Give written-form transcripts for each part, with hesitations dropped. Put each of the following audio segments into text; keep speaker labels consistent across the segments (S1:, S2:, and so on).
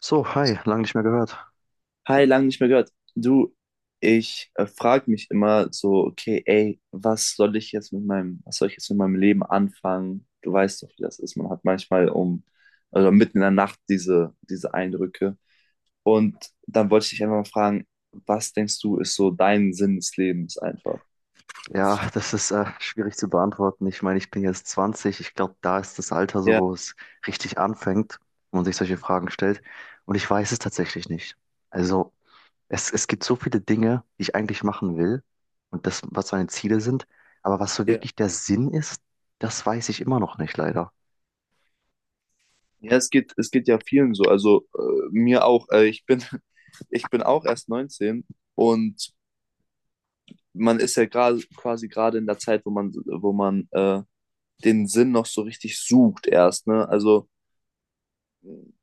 S1: So, hi, lange nicht mehr gehört.
S2: Hi, lange nicht mehr gehört. Du, ich frage mich immer so, okay, ey, was soll ich jetzt mit meinem Leben anfangen? Du weißt doch, wie das ist. Man hat manchmal, also mitten in der Nacht diese Eindrücke. Und dann wollte ich dich einfach mal fragen, was denkst du, ist so dein Sinn des Lebens einfach?
S1: Ja, das ist schwierig zu beantworten. Ich meine, ich bin jetzt 20. Ich glaube, da ist das Alter so,
S2: Ja,
S1: wo es richtig anfängt, wo man sich solche Fragen stellt. Und ich weiß es tatsächlich nicht. Also, es gibt so viele Dinge, die ich eigentlich machen will, und das, was meine Ziele sind. Aber was so
S2: ja.
S1: wirklich der Sinn ist, das weiß ich immer noch nicht, leider.
S2: Ja, es geht ja vielen so. Also mir auch. Ich bin auch erst 19 und man ist ja gerade quasi gerade in der Zeit, wo man den Sinn noch so richtig sucht erst. Ne? Also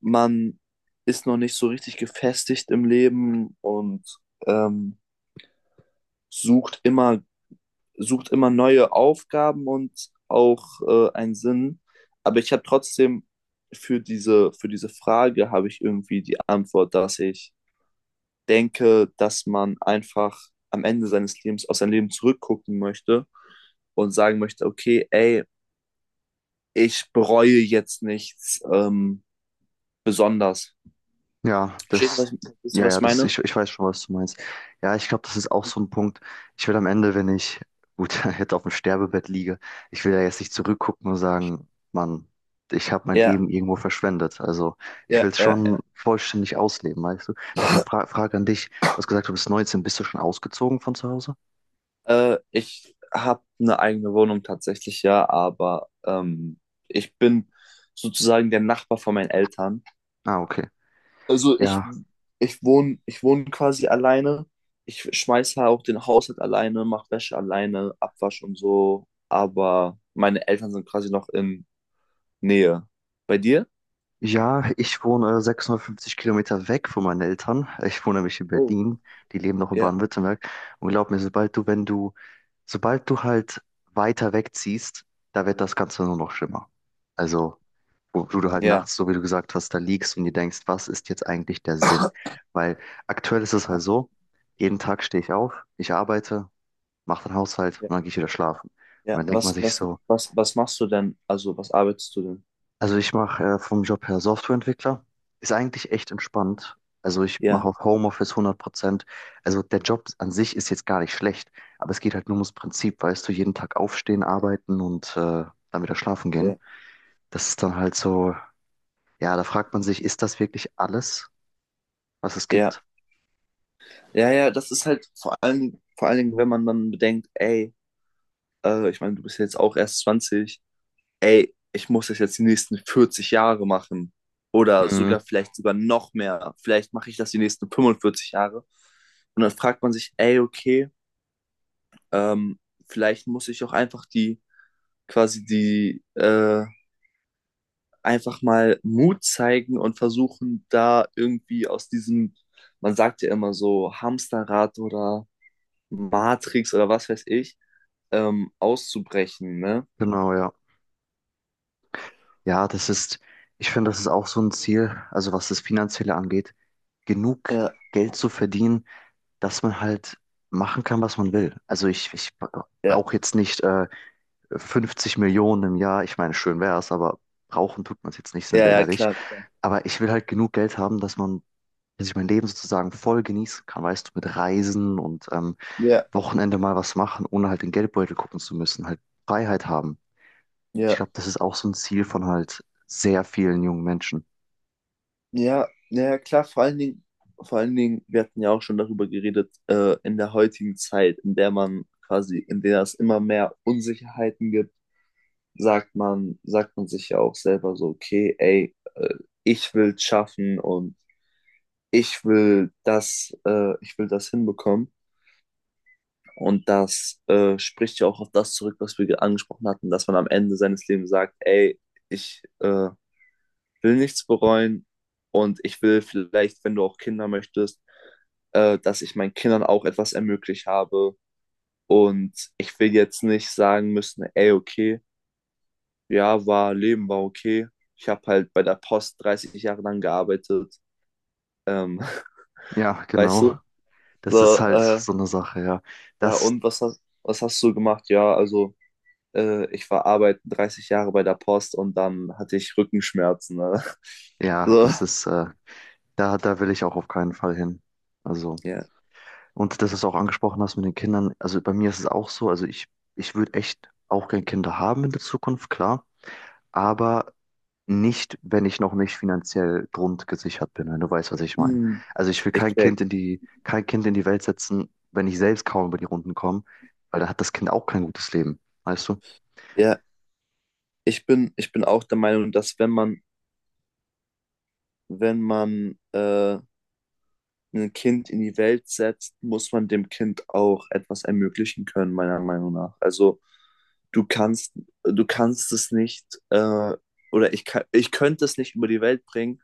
S2: man ist noch nicht so richtig gefestigt im Leben und ähm, sucht immer, sucht immer neue Aufgaben und auch einen Sinn. Aber ich habe trotzdem für diese Frage habe ich irgendwie die Antwort, dass ich denke, dass man einfach am Ende seines Lebens auf sein Leben zurückgucken möchte und sagen möchte, okay, ey, ich bereue jetzt nichts besonders.
S1: Ja, das,
S2: Verstehst du,
S1: ja,
S2: was
S1: ja,
S2: ich
S1: das,
S2: meine?
S1: ich, ich weiß schon, was du meinst. Ja, ich glaube, das ist auch so ein Punkt. Ich will am Ende, wenn ich, gut, jetzt auf dem Sterbebett liege, ich will ja jetzt nicht zurückgucken und sagen, Mann, ich habe mein
S2: Ja,
S1: Leben irgendwo verschwendet. Also ich will
S2: ja,
S1: es
S2: ja,
S1: schon
S2: ja.
S1: vollständig ausleben, weißt du? Noch eine Frage an dich. Du hast gesagt, du bist 19, bist du schon ausgezogen von zu Hause?
S2: Ich habe eine eigene Wohnung tatsächlich, ja, aber ich bin sozusagen der Nachbar von meinen Eltern.
S1: Ah, okay.
S2: Also ich,
S1: Ja,
S2: ich wohne quasi alleine. Ich schmeiße auch den Haushalt alleine, mache Wäsche alleine, Abwasch und so. Aber meine Eltern sind quasi noch in Nähe. Bei dir?
S1: ja, ich wohne 650 Kilometer weg von meinen Eltern. Ich wohne nämlich in
S2: Oh.
S1: Berlin. Die leben noch in
S2: Ja,
S1: Baden-Württemberg. Und glaub mir, sobald du, wenn du, sobald du halt weiter wegziehst, da wird das Ganze nur noch schlimmer. Also, wo du halt
S2: ja,
S1: nachts, so wie du gesagt hast, da liegst und dir denkst, was ist jetzt eigentlich der Sinn? Weil aktuell ist es
S2: ja,
S1: halt so, jeden Tag stehe ich auf, ich arbeite, mache den Haushalt
S2: ja,
S1: und dann gehe ich wieder schlafen. Und
S2: ja.
S1: dann denkt man sich so,
S2: Was machst du denn? Also, was arbeitest du denn?
S1: also ich mache vom Job her Softwareentwickler. Ist eigentlich echt entspannt. Also ich mache
S2: Ja.
S1: auch Homeoffice 100%. Also der Job an sich ist jetzt gar nicht schlecht, aber es geht halt nur ums Prinzip, weißt du, jeden Tag aufstehen, arbeiten und dann wieder schlafen gehen.
S2: Ja,
S1: Das ist dann halt so, ja, da fragt man sich, ist das wirklich alles, was es
S2: ja,
S1: gibt?
S2: ja, ja, das ist halt vor allen Dingen, wenn man dann bedenkt, ey, ich meine, du bist ja jetzt auch erst 20, ey, ich muss das jetzt die nächsten 40 Jahre machen oder
S1: Mhm.
S2: sogar noch mehr, vielleicht mache ich das die nächsten 45 Jahre und dann fragt man sich, ey, okay, ähm, vielleicht muss ich auch quasi einfach mal Mut zeigen und versuchen, da irgendwie aus diesem, man sagt ja immer so, Hamsterrad oder Matrix oder was weiß ich, auszubrechen, ne?
S1: Genau, ja. Ja, das ist, ich finde, das ist auch so ein Ziel, also was das Finanzielle angeht, genug
S2: Ja,
S1: Geld zu verdienen, dass man halt machen kann, was man will. Also ich
S2: ja,
S1: brauche jetzt nicht 50 Millionen im Jahr. Ich meine, schön wäre es, aber brauchen tut man es jetzt nicht, sind
S2: ja,
S1: wir
S2: ja,
S1: ehrlich.
S2: klar, klar.
S1: Aber ich will halt genug Geld haben, dass man, dass ich mein Leben sozusagen voll genießen kann, weißt du, mit Reisen und
S2: Ja,
S1: Wochenende mal was machen, ohne halt den Geldbeutel gucken zu müssen, halt Freiheit haben. Ich
S2: ja,
S1: glaube, das ist auch so ein Ziel von halt sehr vielen jungen Menschen.
S2: ja, ja, klar, vor allen Dingen, wir hatten ja auch schon darüber geredet, in der heutigen Zeit, in der man quasi, in der es immer mehr Unsicherheiten gibt, sagt man sich ja auch selber so, okay, ey, ich will schaffen und ich will ich will das hinbekommen. Und das spricht ja auch auf das zurück, was wir angesprochen hatten, dass man am Ende seines Lebens sagt, ey, ich will nichts bereuen und ich will vielleicht, wenn du auch Kinder möchtest, dass ich meinen Kindern auch etwas ermöglicht habe. Und ich will jetzt nicht sagen müssen, ey, okay, Leben war okay. Ich habe halt bei der Post 30 Jahre lang gearbeitet. Ähm,
S1: Ja,
S2: weißt
S1: genau.
S2: du?
S1: Das ist
S2: So,
S1: halt
S2: äh,
S1: so eine Sache, ja.
S2: ja,
S1: Das,
S2: und was hast du gemacht? Ja, also äh, ich war arbeiten 30 Jahre bei der Post und dann hatte ich Rückenschmerzen. Ne?
S1: ja,
S2: So,
S1: das ist da, da will ich auch auf keinen Fall hin. Also,
S2: ja.
S1: und dass du es auch angesprochen hast mit den Kindern, also bei mir ist es auch so, also ich würde echt auch gerne Kinder haben in der Zukunft, klar, aber nicht, wenn ich noch nicht finanziell grundgesichert bin, wenn du weißt, was ich meine.
S2: Hm.
S1: Also ich will
S2: Ich
S1: kein
S2: check.
S1: Kind in die, kein Kind in die Welt setzen, wenn ich selbst kaum über die Runden komme, weil da hat das Kind auch kein gutes Leben, weißt du?
S2: Ja, ich bin auch der Meinung, dass wenn man ein Kind in die Welt setzt, muss man dem Kind auch etwas ermöglichen können, meiner Meinung nach. Also du kannst, du kannst es nicht, oder ich könnte es nicht über die Welt bringen,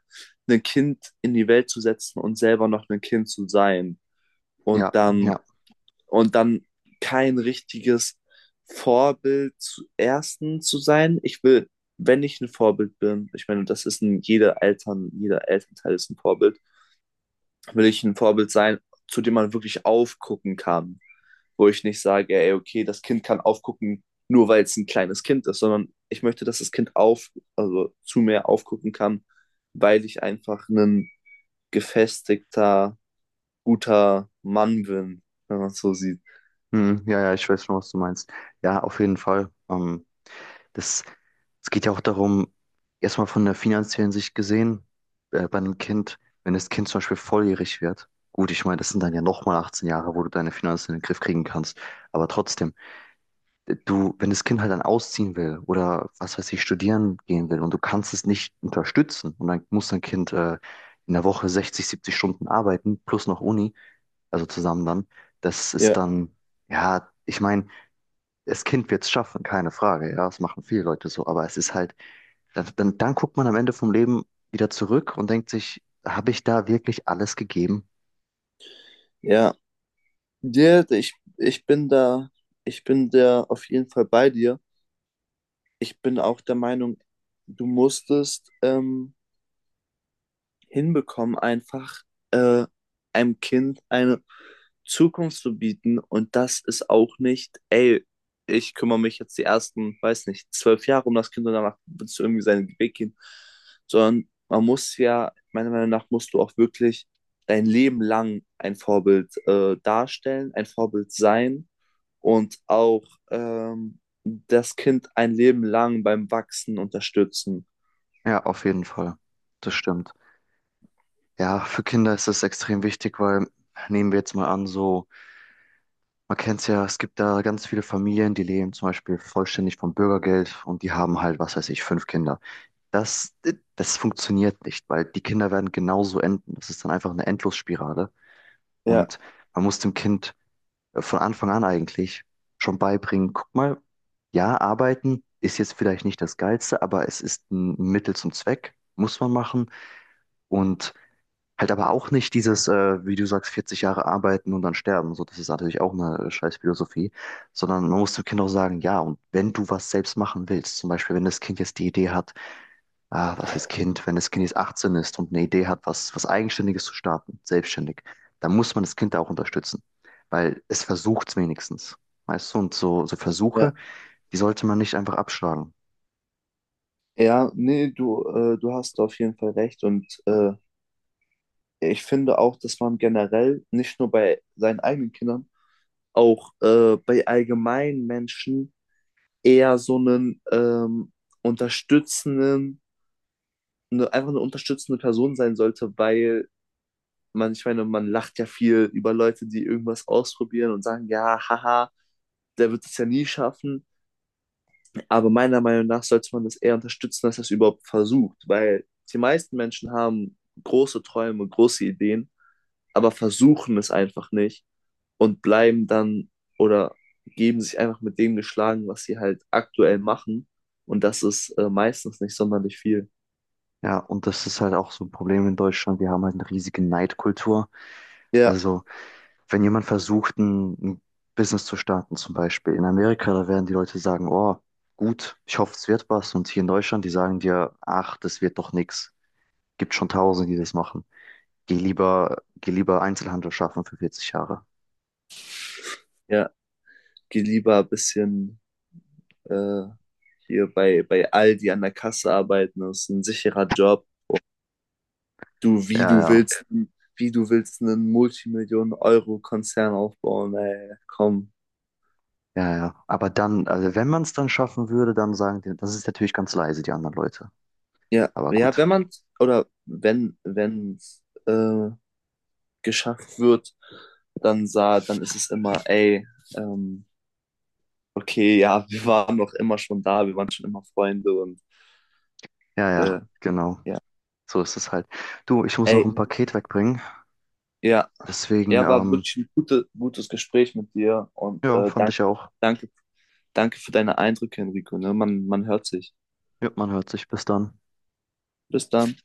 S2: ein Kind in die Welt zu setzen und selber noch ein Kind zu sein. Und
S1: Ja,
S2: dann
S1: ja.
S2: und dann kein richtiges Vorbild zu ersten zu sein. Ich will, wenn ich ein Vorbild bin, ich meine, das ist ein jeder Eltern, jeder Elternteil ist ein Vorbild, will ich ein Vorbild sein, zu dem man wirklich aufgucken kann, wo ich nicht sage, ey, okay, das Kind kann aufgucken, nur weil es ein kleines Kind ist, sondern ich möchte, dass das also zu mir aufgucken kann, weil ich einfach ein gefestigter, guter Mann bin, wenn man es so sieht.
S1: Hm, ja, ja, ich weiß schon, was du meinst. Ja, auf jeden Fall. Das, es geht ja auch darum, erstmal von der finanziellen Sicht gesehen, bei einem Kind, wenn das Kind zum Beispiel volljährig wird, gut, ich meine, das sind dann ja nochmal 18 Jahre, wo du deine Finanzen in den Griff kriegen kannst, aber trotzdem, du, wenn das Kind halt dann ausziehen will oder was weiß ich, studieren gehen will und du kannst es nicht unterstützen und dann muss dein Kind in der Woche 60, 70 Stunden arbeiten, plus noch Uni, also zusammen dann, das ist
S2: Ja,
S1: dann, ja, ich meine, das Kind wird es schaffen, keine Frage, ja, das machen viele Leute so, aber es ist halt dann guckt man am Ende vom Leben wieder zurück und denkt sich, habe ich da wirklich alles gegeben?
S2: ja, ja, ich bin da auf jeden Fall bei dir. Ich bin auch der Meinung, du musstest hinbekommen, einfach äh, einem Kind eine Zukunft zu bieten. Und das ist auch nicht, ey, ich kümmere mich jetzt die ersten, weiß nicht, 12 Jahre um das Kind und danach wird es irgendwie seinen Weg gehen. Sondern man muss ja, meiner Meinung nach, musst du auch wirklich dein Leben lang ein Vorbild darstellen, ein Vorbild sein und auch das Kind ein Leben lang beim Wachsen unterstützen.
S1: Ja, auf jeden Fall. Das stimmt. Ja, für Kinder ist das extrem wichtig, weil nehmen wir jetzt mal an, so, man kennt es ja, es gibt da ganz viele Familien, die leben zum Beispiel vollständig vom Bürgergeld und die haben halt, was weiß ich, fünf Kinder. Das, das funktioniert nicht, weil die Kinder werden genauso enden. Das ist dann einfach eine Endlosspirale,
S2: Ja,
S1: und man muss dem Kind von Anfang an eigentlich schon beibringen. Guck mal, ja, arbeiten ist jetzt vielleicht nicht das Geilste, aber es ist ein Mittel zum Zweck, muss man machen. Und halt aber auch nicht dieses, wie du sagst, 40 Jahre arbeiten und dann sterben. So, das ist natürlich auch eine scheiß Philosophie, sondern man muss dem Kind auch sagen, ja, und wenn du was selbst machen willst, zum Beispiel, wenn das Kind jetzt die Idee hat, ah, was heißt Kind, wenn das Kind jetzt 18 ist und eine Idee hat, was Eigenständiges zu starten, selbstständig, dann muss man das Kind da auch unterstützen, weil es versucht es wenigstens, weißt du, und so Versuche,
S2: ja.
S1: die sollte man nicht einfach abschlagen.
S2: Ja, nee, du, du hast auf jeden Fall recht. Und ich finde auch, dass man generell nicht nur bei seinen eigenen Kindern, auch bei allgemeinen Menschen eher so einen unterstützenden, ne, einfach eine unterstützende Person sein sollte, weil man, ich meine, man lacht ja viel über Leute, die irgendwas ausprobieren und sagen, ja, haha, der wird es ja nie schaffen. Aber meiner Meinung nach sollte man das eher unterstützen, als das überhaupt versucht, weil die meisten Menschen haben große Träume, große Ideen, aber versuchen es einfach nicht und bleiben dann oder geben sich einfach mit dem geschlagen, was sie halt aktuell machen. Und das ist meistens nicht sonderlich viel.
S1: Ja, und das ist halt auch so ein Problem in Deutschland, wir haben halt eine riesige Neidkultur.
S2: Ja,
S1: Also, wenn jemand versucht, ein Business zu starten, zum Beispiel in Amerika, da werden die Leute sagen, oh, gut, ich hoffe, es wird was. Und hier in Deutschland, die sagen dir, ach, das wird doch nichts. Gibt schon Tausende, die das machen. Geh lieber Einzelhandel schaffen für 40 Jahre.
S2: ja, geh lieber ein bisschen äh, hier bei Aldi an der Kasse arbeiten, das ist ein sicherer Job. Du,
S1: Ja, ja,
S2: wie du willst einen Multimillionen-Euro-Konzern aufbauen, ey, komm.
S1: ja, ja. Aber dann, also wenn man es dann schaffen würde, dann sagen die, das ist natürlich ganz leise, die anderen Leute.
S2: Ja,
S1: Aber
S2: ja,
S1: gut.
S2: wenn man, oder wenn es äh, geschafft wird, dann ist es immer, ey, ähm, okay, ja, wir waren doch immer schon da, wir waren schon immer Freunde und
S1: Ja, ja,
S2: äh,
S1: genau.
S2: ja,
S1: So ist es halt. Du, ich muss noch
S2: ey,
S1: ein Paket wegbringen.
S2: ja,
S1: Deswegen,
S2: ja, war wirklich ein gutes Gespräch mit dir und
S1: ja,
S2: äh,
S1: fand
S2: danke,
S1: ich auch.
S2: danke, danke für deine Eindrücke, Enrico, ne? Man hört sich.
S1: Ja, man hört sich. Bis dann.
S2: Bis dann.